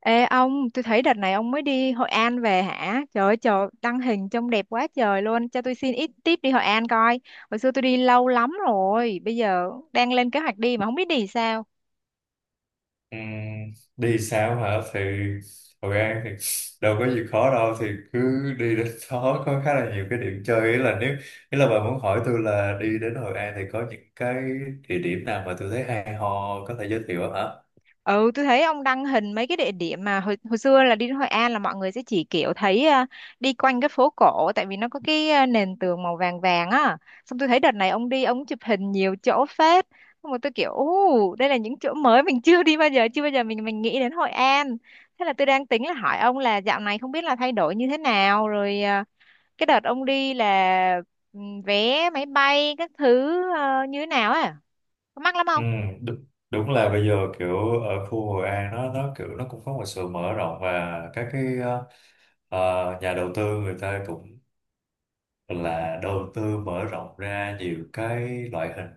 Ê ông, tôi thấy đợt này ông mới đi Hội An về hả? Trời ơi, trời, đăng hình trông đẹp quá trời luôn. Cho tôi xin ít tip đi Hội An coi. Hồi xưa tôi đi lâu lắm rồi, bây giờ đang lên kế hoạch đi mà không biết đi sao. Ừm, đi sao hả? Thì Hội An thì đâu có gì khó đâu, thì cứ đi đến đó có khá là nhiều cái điểm chơi. Ý là bà muốn hỏi tôi là đi đến Hội An thì có những cái địa điểm nào mà tôi thấy hay ho, có thể giới thiệu không hả? Ừ, tôi thấy ông đăng hình mấy cái địa điểm mà hồi xưa là đi đến Hội An là mọi người sẽ chỉ kiểu thấy đi quanh cái phố cổ, tại vì nó có cái nền tường màu vàng vàng á. Xong tôi thấy đợt này ông đi ông chụp hình nhiều chỗ phết. Xong rồi tôi kiểu ú, đây là những chỗ mới mình chưa đi bao giờ, chưa bao giờ mình nghĩ đến Hội An. Thế là tôi đang tính là hỏi ông là dạo này không biết là thay đổi như thế nào rồi, cái đợt ông đi là ừ, vé máy bay các thứ như thế nào á. Có mắc lắm Ừ, không? đúng, đúng là bây giờ kiểu ở khu Hội An nó kiểu nó cũng có một sự mở rộng, và các cái nhà đầu tư người ta cũng là đầu tư mở rộng ra nhiều cái loại hình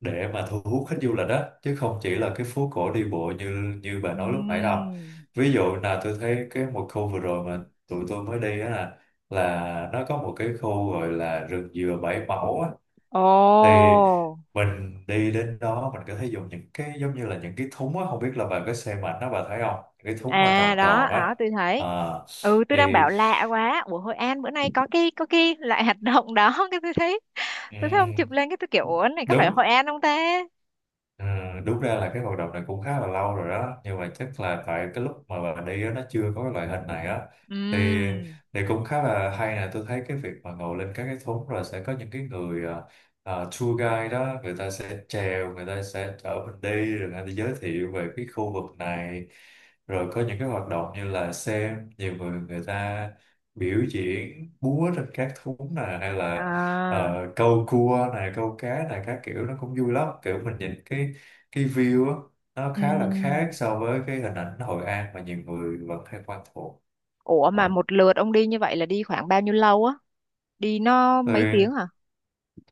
để mà thu hút khách du lịch, đó chứ không chỉ là cái phố cổ đi bộ như như bà nói lúc nãy đâu. Ừm. Ví dụ là tôi thấy cái một khu vừa rồi mà tụi tôi mới đi á, là nó có một cái khu gọi là rừng dừa Bảy Mẫu á. Thì Ồ, mình đi đến đó mình có thể dùng những cái giống như là những cái thúng á, không biết là bà có xem ảnh đó, bà thấy không, những cái thúng mà à tròn đó, tròn á. đó tôi À, thấy. Ừ, tôi đang thì bảo lạ quá. Ủa Hội An bữa nay có cái loại hoạt động đó, cái tôi thấy ông chụp ừm, lên cái tôi kiểu ủa này có phải Đúng, Hội An không ta? ừ, đúng ra là cái hoạt động này cũng khá là lâu rồi đó, nhưng mà chắc là tại cái lúc mà bà đi á, nó chưa có cái loại hình này á. thì Ừm. thì cũng khá là hay nè, tôi thấy cái việc mà ngồi lên các cái thúng rồi sẽ có những cái người tour guide đó, người ta sẽ chèo, người ta sẽ chở mình đi, rồi người ta giới thiệu về cái khu vực này, rồi có những cái hoạt động như là xem nhiều người người ta biểu diễn búa trên các thúng nè, hay là À. Câu cua này, câu cá này, các kiểu. Nó cũng vui lắm, kiểu mình nhìn cái view á, nó khá là Ừm. khác so với cái hình ảnh Hội An mà nhiều người vẫn hay quen thuộc. Ủa Ờ, mà một lượt ông đi như vậy là đi khoảng bao nhiêu lâu á? Đi nó mấy tiếng thì hả?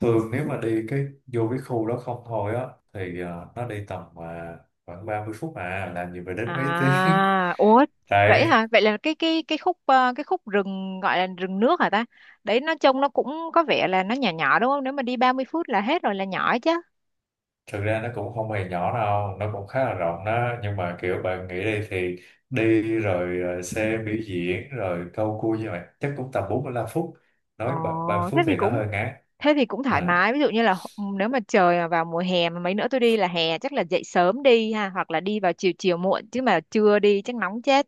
thường nếu mà đi cái vô cái khu đó không thôi á, thì nó đi tầm khoảng 30 phút à, làm gì phải đến mấy tiếng. À, ủa vậy Tại hả? Vậy là cái khúc, cái khúc rừng gọi là rừng nước hả ta? Đấy nó trông nó cũng có vẻ là nó nhỏ nhỏ đúng không? Nếu mà đi 30 phút là hết rồi là nhỏ chứ. thực ra nó cũng không hề nhỏ đâu, nó cũng khá là rộng đó, nhưng mà kiểu bạn nghĩ đi, thì đi rồi xe biểu diễn rồi câu cua như vậy chắc cũng tầm 45 phút, Ồ, nói 30 thế phút thì thì nó cũng hơi ngán. thế thì cũng thoải À, mái. Ví dụ như là nếu mà trời mà vào mùa hè mà mấy nữa tôi đi là hè, chắc là dậy sớm đi ha, hoặc là đi vào chiều chiều muộn chứ mà trưa đi chắc nóng chết.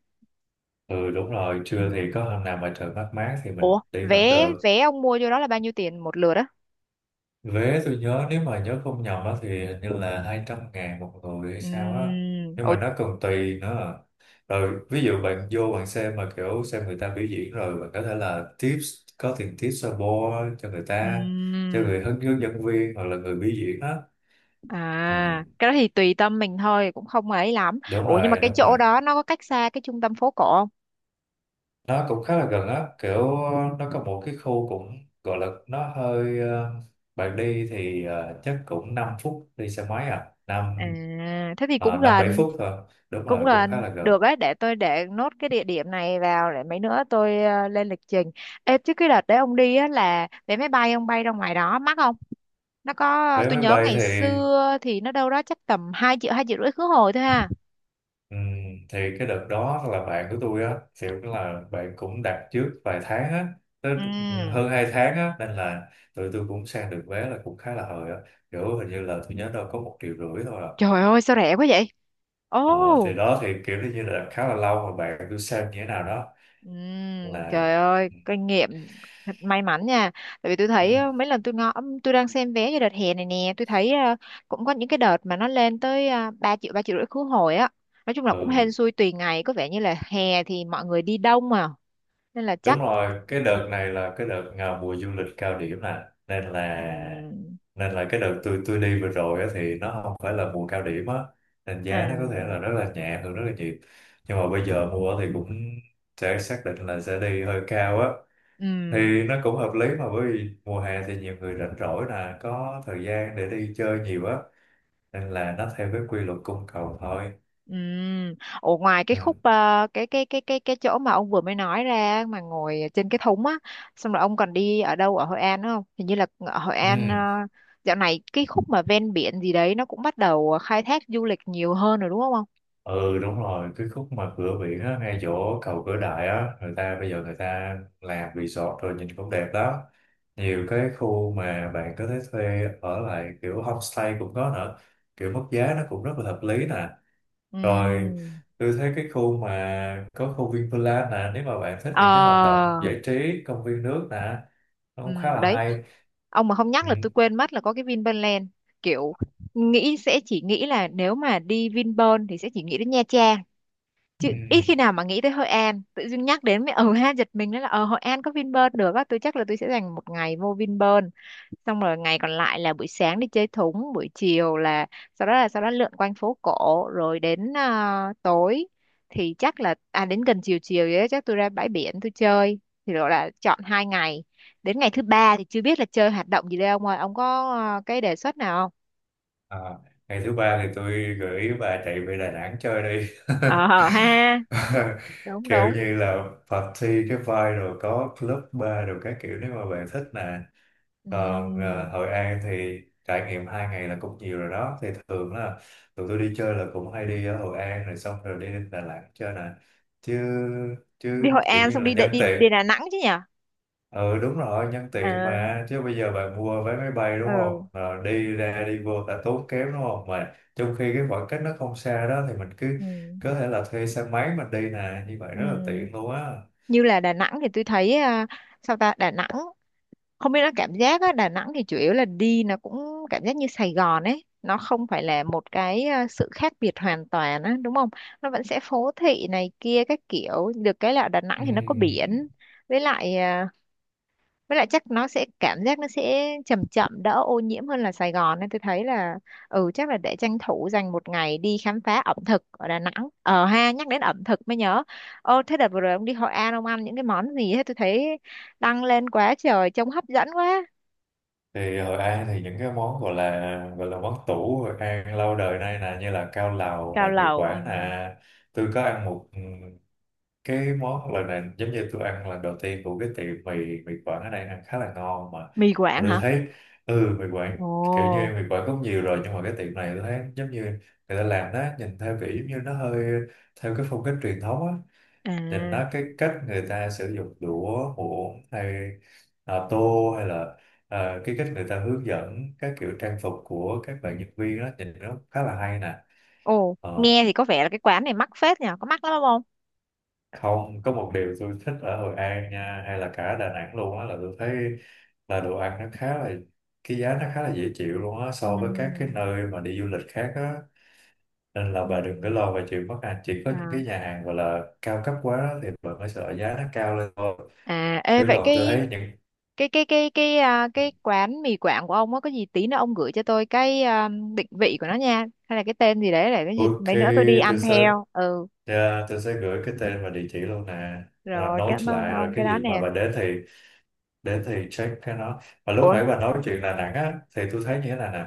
ừ đúng rồi, Ừ. trưa thì có hôm nào mà trời mát mát thì Ủa, mình đi vẫn vé được. vé ông mua vô đó là bao nhiêu tiền một lượt á? Vé tôi nhớ, nếu mà nhớ không nhầm á, thì hình như là 200.000 một người hay sao á. Ừm. Nhưng Ồ. mà nó còn tùy nữa. Rồi ví dụ bạn vô bạn xem mà kiểu xem người ta biểu diễn, rồi bạn có thể là tips, có tiền tips support cho người ta, cho Ừm. người hướng hướng dẫn viên, hoặc là người biểu diễn á. Ừ, À, cái đó thì tùy tâm mình thôi, cũng không ấy lắm. đúng Ủa nhưng mà rồi, cái đúng chỗ rồi. đó nó có cách xa cái trung tâm phố cổ không? Nó cũng khá là gần á, kiểu nó có một cái khu cũng gọi là nó hơi bạn đi thì chắc cũng 5 phút đi xe máy, à năm À, thế thì cũng năm bảy gần, phút thôi, đúng cũng rồi cũng khá gần. là gần. Được đấy, để tôi để nốt cái địa điểm này vào để mấy nữa tôi lên lịch trình. Ê, chứ cái đợt đấy ông đi á là vé máy bay ông bay ra ngoài đó mắc không? Nó có, Vé tôi máy nhớ bay ngày xưa thì nó đâu đó chắc tầm 2 triệu, 2,5 triệu khứ hồi thôi ha. ừm, thì cái đợt đó là bạn của tôi á, kiểu là bạn cũng đặt trước vài tháng á, tới Ừ. hơn 2 tháng á, nên là tụi tôi cũng sang được vé là cũng khá là hời á, kiểu hình như là tôi nhớ đâu có 1,5 triệu thôi à. Trời ơi sao rẻ quá vậy? Ờ, thì Ồ. đó thì kiểu như là khá là lâu rồi, bạn cứ xem như thế nào đó. Là trời ơi ừ, kinh nghiệm thật may mắn nha, tại vì tôi ừ thấy mấy lần tôi ngó, tôi đang xem vé cho đợt hè này nè, tôi thấy cũng có những cái đợt mà nó lên tới 3 triệu, 3,5 triệu khứ hồi á. Nói chung là cũng hên ừ, xui tùy ngày, có vẻ như là hè thì mọi người đi đông mà, nên là đúng chắc. rồi, cái đợt này là cái đợt à, mùa du lịch cao điểm nè, nên là Ừm. nên là cái đợt tôi đi vừa rồi á, thì nó không phải là mùa cao điểm á, nên giá nó có thể À. là rất là nhẹ hơn rất là nhiều. Nhưng mà bây giờ mua thì cũng sẽ xác định là sẽ đi hơi cao á. Ừm. Thì nó cũng hợp lý mà, bởi vì mùa hè thì nhiều người rảnh rỗi nè, có thời gian để đi chơi nhiều á, nên là nó theo cái quy luật cung cầu thôi. Ừm. Ủa, ngoài cái khúc, Ừ. Cái chỗ mà ông vừa mới nói ra mà ngồi trên cái thúng á, xong rồi ông còn đi ở đâu ở Hội An đúng không? Hình như là ở Hội An Ừ. dạo này cái khúc mà ven biển gì đấy nó cũng bắt đầu khai thác du lịch nhiều hơn rồi đúng không ông? Ừ đúng rồi, cái khúc mà cửa biển á, ngay chỗ cầu Cửa Đại á, người ta bây giờ người ta làm resort rồi, nhìn cũng đẹp đó. Nhiều cái khu mà bạn có thể thuê ở lại kiểu homestay cũng có nữa, kiểu mức giá nó cũng rất là hợp lý nè. Rồi Ừm. tôi thấy cái khu mà có khu Vinpearl nè, nếu mà bạn thích Ờ. những cái hoạt động giải trí công viên nước nè, nó cũng khá là đấy. hay. Ông mà không Ừ. nhắc là tôi quên mất là có cái Vinpearl, kiểu nghĩ sẽ chỉ nghĩ là nếu mà đi Vinpearl thì sẽ chỉ nghĩ đến Nha Trang, chứ Ừ. ít khi nào mà nghĩ tới Hội An. Tự dưng nhắc đến mới ừ ha, giật mình đó là Hội An có Vinpearl được á. Tôi chắc là tôi sẽ dành một ngày vô Vinpearl, xong rồi ngày còn lại là buổi sáng đi chơi thúng, buổi chiều là sau đó lượn quanh phố cổ rồi đến tối, thì chắc là đến gần chiều chiều vậy đó, chắc tôi ra bãi biển tôi chơi, thì gọi là chọn 2 ngày. Đến ngày thứ ba thì chưa biết là chơi hoạt động gì đây ông ơi, ông có cái đề xuất nào không? À, ngày thứ ba thì tôi gửi bà chạy về Đà Nẵng chơi đi. Ờ ha. Đúng Kiểu đúng. như là party cái vibe, rồi có club bar rồi các kiểu, nếu mà bạn thích nè. Còn Ừm. Hội An thì trải nghiệm 2 ngày là cũng nhiều rồi đó. Thì thường là tụi tôi đi chơi là cũng hay đi ở Hội An rồi, xong rồi đi đến Đà Nẵng chơi nè. Chứ chứ Đi Hội kiểu An như xong là đi nhân đi tiện, đi Đà Nẵng chứ nhỉ. ừ đúng rồi, nhân tiện À. mà, chứ bây giờ bạn mua vé máy bay đúng Ờ. không? Rồi đi ra đi vô đã tốn kém đúng không, mà trong khi cái khoảng cách nó không xa đó, thì mình cứ Ừ. có thể là thuê xe máy mình đi nè, như vậy Ừ. rất là tiện luôn á. Như là Đà Nẵng thì tôi thấy sao ta Đà Nẵng không biết nó cảm giác á, Đà Nẵng thì chủ yếu là đi nó cũng cảm giác như Sài Gòn ấy, nó không phải là một cái sự khác biệt hoàn toàn á, đúng không? Nó vẫn sẽ phố thị này kia các kiểu, được cái là ở Đà Nẵng thì nó có biển, Ừm, với lại à, với lại chắc nó sẽ cảm giác nó sẽ chậm chậm đỡ ô nhiễm hơn là Sài Gòn, nên tôi thấy là chắc là để tranh thủ dành một ngày đi khám phá ẩm thực ở Đà Nẵng. Ờ ha, nhắc đến ẩm thực mới nhớ. Ô thế đợt vừa rồi ông đi Hội An ông ăn những cái món gì hết, tôi thấy đăng lên quá trời trông hấp dẫn quá. thì Hội An thì những cái món gọi là món tủ Hội An lâu đời nay nè, như là cao lầu nè, Cao mì lầu. quảng Ừm. nè. Tôi có ăn một, ừ, cái món lần này giống như tôi ăn lần đầu tiên, của cái tiệm mì mì Quảng ở đây ăn khá là ngon. Mà Mì Quảng tôi hả? thấy, ừ mì Quảng, Ồ. kiểu như mì Quảng cũng nhiều rồi, nhưng mà cái tiệm này tôi thấy giống như người ta làm nó nhìn theo kiểu giống như nó hơi theo cái phong cách truyền thống á. Nhìn À. nó cái cách người ta sử dụng đũa muỗng hay à, tô hay là à, cái cách người ta hướng dẫn, các kiểu trang phục của các bạn nhân viên đó, nhìn nó khá là hay nè. Ồ, Ờ. nghe thì có vẻ là cái quán này mắc phết nhỉ, có mắc lắm không? Không, có một điều tôi thích ở Hội An nha, hay là cả Đà Nẵng luôn á, là tôi thấy là đồ ăn nó khá là, cái giá nó khá là dễ chịu luôn á, so với các cái Ừm. nơi mà đi du lịch khác á. Nên là bà đừng có Ừm. lo về chuyện mất ăn, chỉ có những À. cái nhà hàng gọi là cao cấp quá thì bà mới sợ giá nó cao lên thôi, À. Ê, chứ vậy còn tôi thấy những, cái quán mì Quảng của ông á có gì tí nữa ông gửi cho tôi cái định vị của nó nha, hay là cái tên gì đấy để cái gì ok mấy nữa tôi đi tôi ăn sẽ, theo. Ừ, dạ, tôi sẽ gửi cái tên và địa chỉ luôn nè. Rồi rồi note cảm ơn lại, rồi ông cái cái đó gì mà nè. bà đến thì check cái nó. Và lúc Ủa. nãy bà nói chuyện Đà Nẵng á, thì tôi thấy như thế này nè.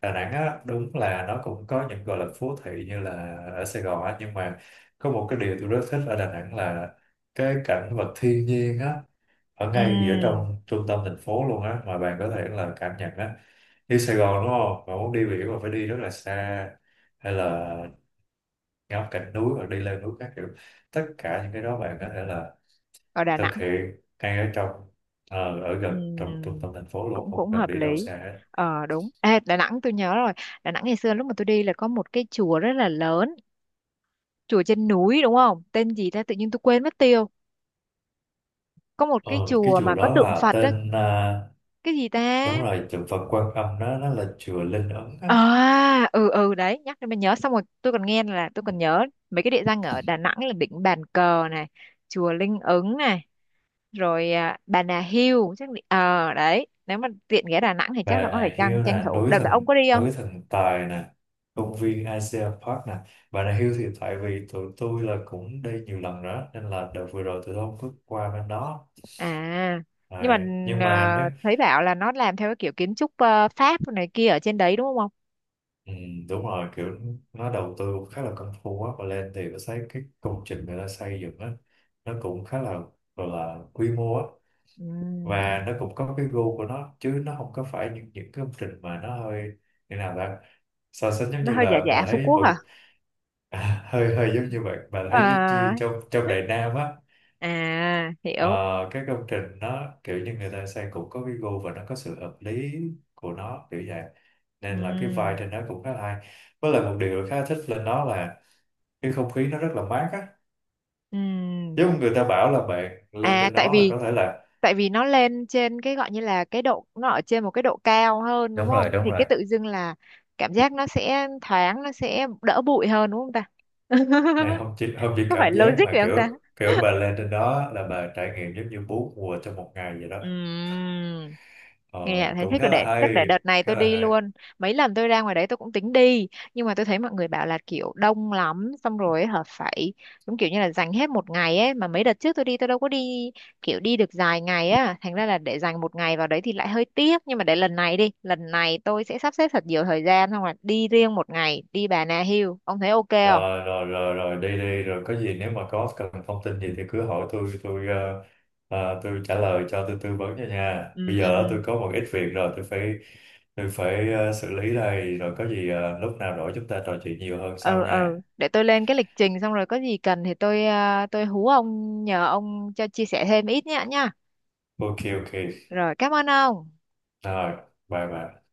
Đà Nẵng á, đúng là nó cũng có những gọi là phố thị như là ở Sài Gòn á, nhưng mà có một cái điều tôi rất thích ở Đà Nẵng là cái cảnh vật thiên nhiên á, ở ngay giữa Ừm. trong trung tâm thành phố luôn á, mà bạn có thể là cảm nhận á. Đi Sài Gòn đúng không? Mà muốn đi biển mà phải đi rất là xa, hay là ngắm cảnh núi hoặc đi lên núi các kiểu. Tất cả những cái đó bạn có thể là Ở Đà Nẵng. thực hiện ngay ở trong, ở gần trong trung Ừm, tâm thành phố luôn, cũng không cũng cần hợp đi đâu lý. xa hết. Ờ đúng. Ê, Đà Nẵng tôi nhớ rồi. Đà Nẵng ngày xưa lúc mà tôi đi là có một cái chùa rất là lớn, chùa trên núi đúng không, tên gì ta tự nhiên tôi quên mất tiêu, có một cái Ờ, cái chùa chùa mà có đó tượng là Phật á, tên à, cái gì ta? đúng rồi tượng Phật Quan Âm, nó là chùa Linh Ứng á. À, ừ ừ đấy, nhắc đến mình nhớ, xong rồi tôi còn nhớ mấy cái địa danh ở Đà Nẵng là đỉnh Bàn Cờ này, chùa Linh Ứng này, rồi Bà Nà Hill chắc đấy, nếu mà tiện ghé Đà Nẵng thì Bà chắc là có Nà phải tranh Hill tranh nè, thủ. Đợt đó ông có đi không? núi thần tài nè, công viên Asia Park nè. Bà Nà Hill thì tại vì tụi tôi là cũng đi nhiều lần nữa, nên là đợt vừa rồi tụi tôi không có qua bên đó. À, nhưng mà À, nhưng mà nếu, thấy bảo là nó làm theo cái kiểu kiến trúc Pháp này kia ở trên đấy đúng không? ừ, đúng rồi, kiểu nó đầu tư cũng khá là công phu á. Và lên thì tôi thấy cái công trình người ta xây dựng á, nó cũng khá là gọi là quy mô á. Ừ, Và nó cũng có cái gu của nó, chứ nó không có phải những cái công trình mà nó hơi như nào ta, so sánh giống nó như hơi giả là bà giả Phú thấy Quốc một, hả? à, hơi hơi giống như vậy, bà À. thấy giống như trong trong Ờ. Đại Nam á. À hiểu. Ờ, cái công trình nó kiểu như người ta xây cũng có cái gu và nó có sự hợp lý của nó kiểu vậy, nên là cái Ừ. vibe trên đó cũng khá là hay. Với lại một điều khá thích lên đó là cái không khí nó rất là mát á. Ừ. Giống người ta bảo là bạn lên À trên tại đó là vì có thể là, tại vì nó lên trên cái gọi như là cái độ, nó ở trên một cái độ cao hơn đúng đúng không, rồi đúng thì rồi, cái tự dưng là cảm giác nó sẽ thoáng, nó sẽ đỡ bụi hơn đúng không ta? này không chỉ Có phải cảm giác logic vậy mà không? kiểu, kiểu bà lên trên đó là bà trải nghiệm giống như bốn mùa trong một ngày vậy đó. Ừm, Ờ, nghe thấy cũng thích rồi, khá là để chắc hay, để đợt này khá tôi là đi hay. luôn. Mấy lần tôi ra ngoài đấy tôi cũng tính đi, nhưng mà tôi thấy mọi người bảo là kiểu đông lắm, xong rồi ấy hả, phải đúng kiểu như là dành hết một ngày ấy, mà mấy đợt trước tôi đi tôi đâu có đi kiểu đi được dài ngày á, thành ra là để dành một ngày vào đấy thì lại hơi tiếc. Nhưng mà để lần này đi, lần này tôi sẽ sắp xếp thật nhiều thời gian xong rồi đi riêng một ngày đi Bà Nà Hills, ông thấy ok không? Rồi rồi rồi rồi, đi đi, rồi có gì nếu mà có cần thông tin gì thì cứ hỏi tôi, tôi tôi trả lời cho, tôi tư vấn cho nha. Bây Ừ. giờ Ừ. tôi có một ít việc rồi, tôi phải xử lý đây. Rồi có gì lúc nào rỗi chúng ta trò chuyện nhiều hơn Ừ. sau nha. Ừ. Để tôi lên cái lịch trình xong rồi có gì cần thì tôi hú ông nhờ ông cho chia sẻ thêm ít nhá nhá. Ok ok. Rồi cảm ơn ông. Rồi, bye bye.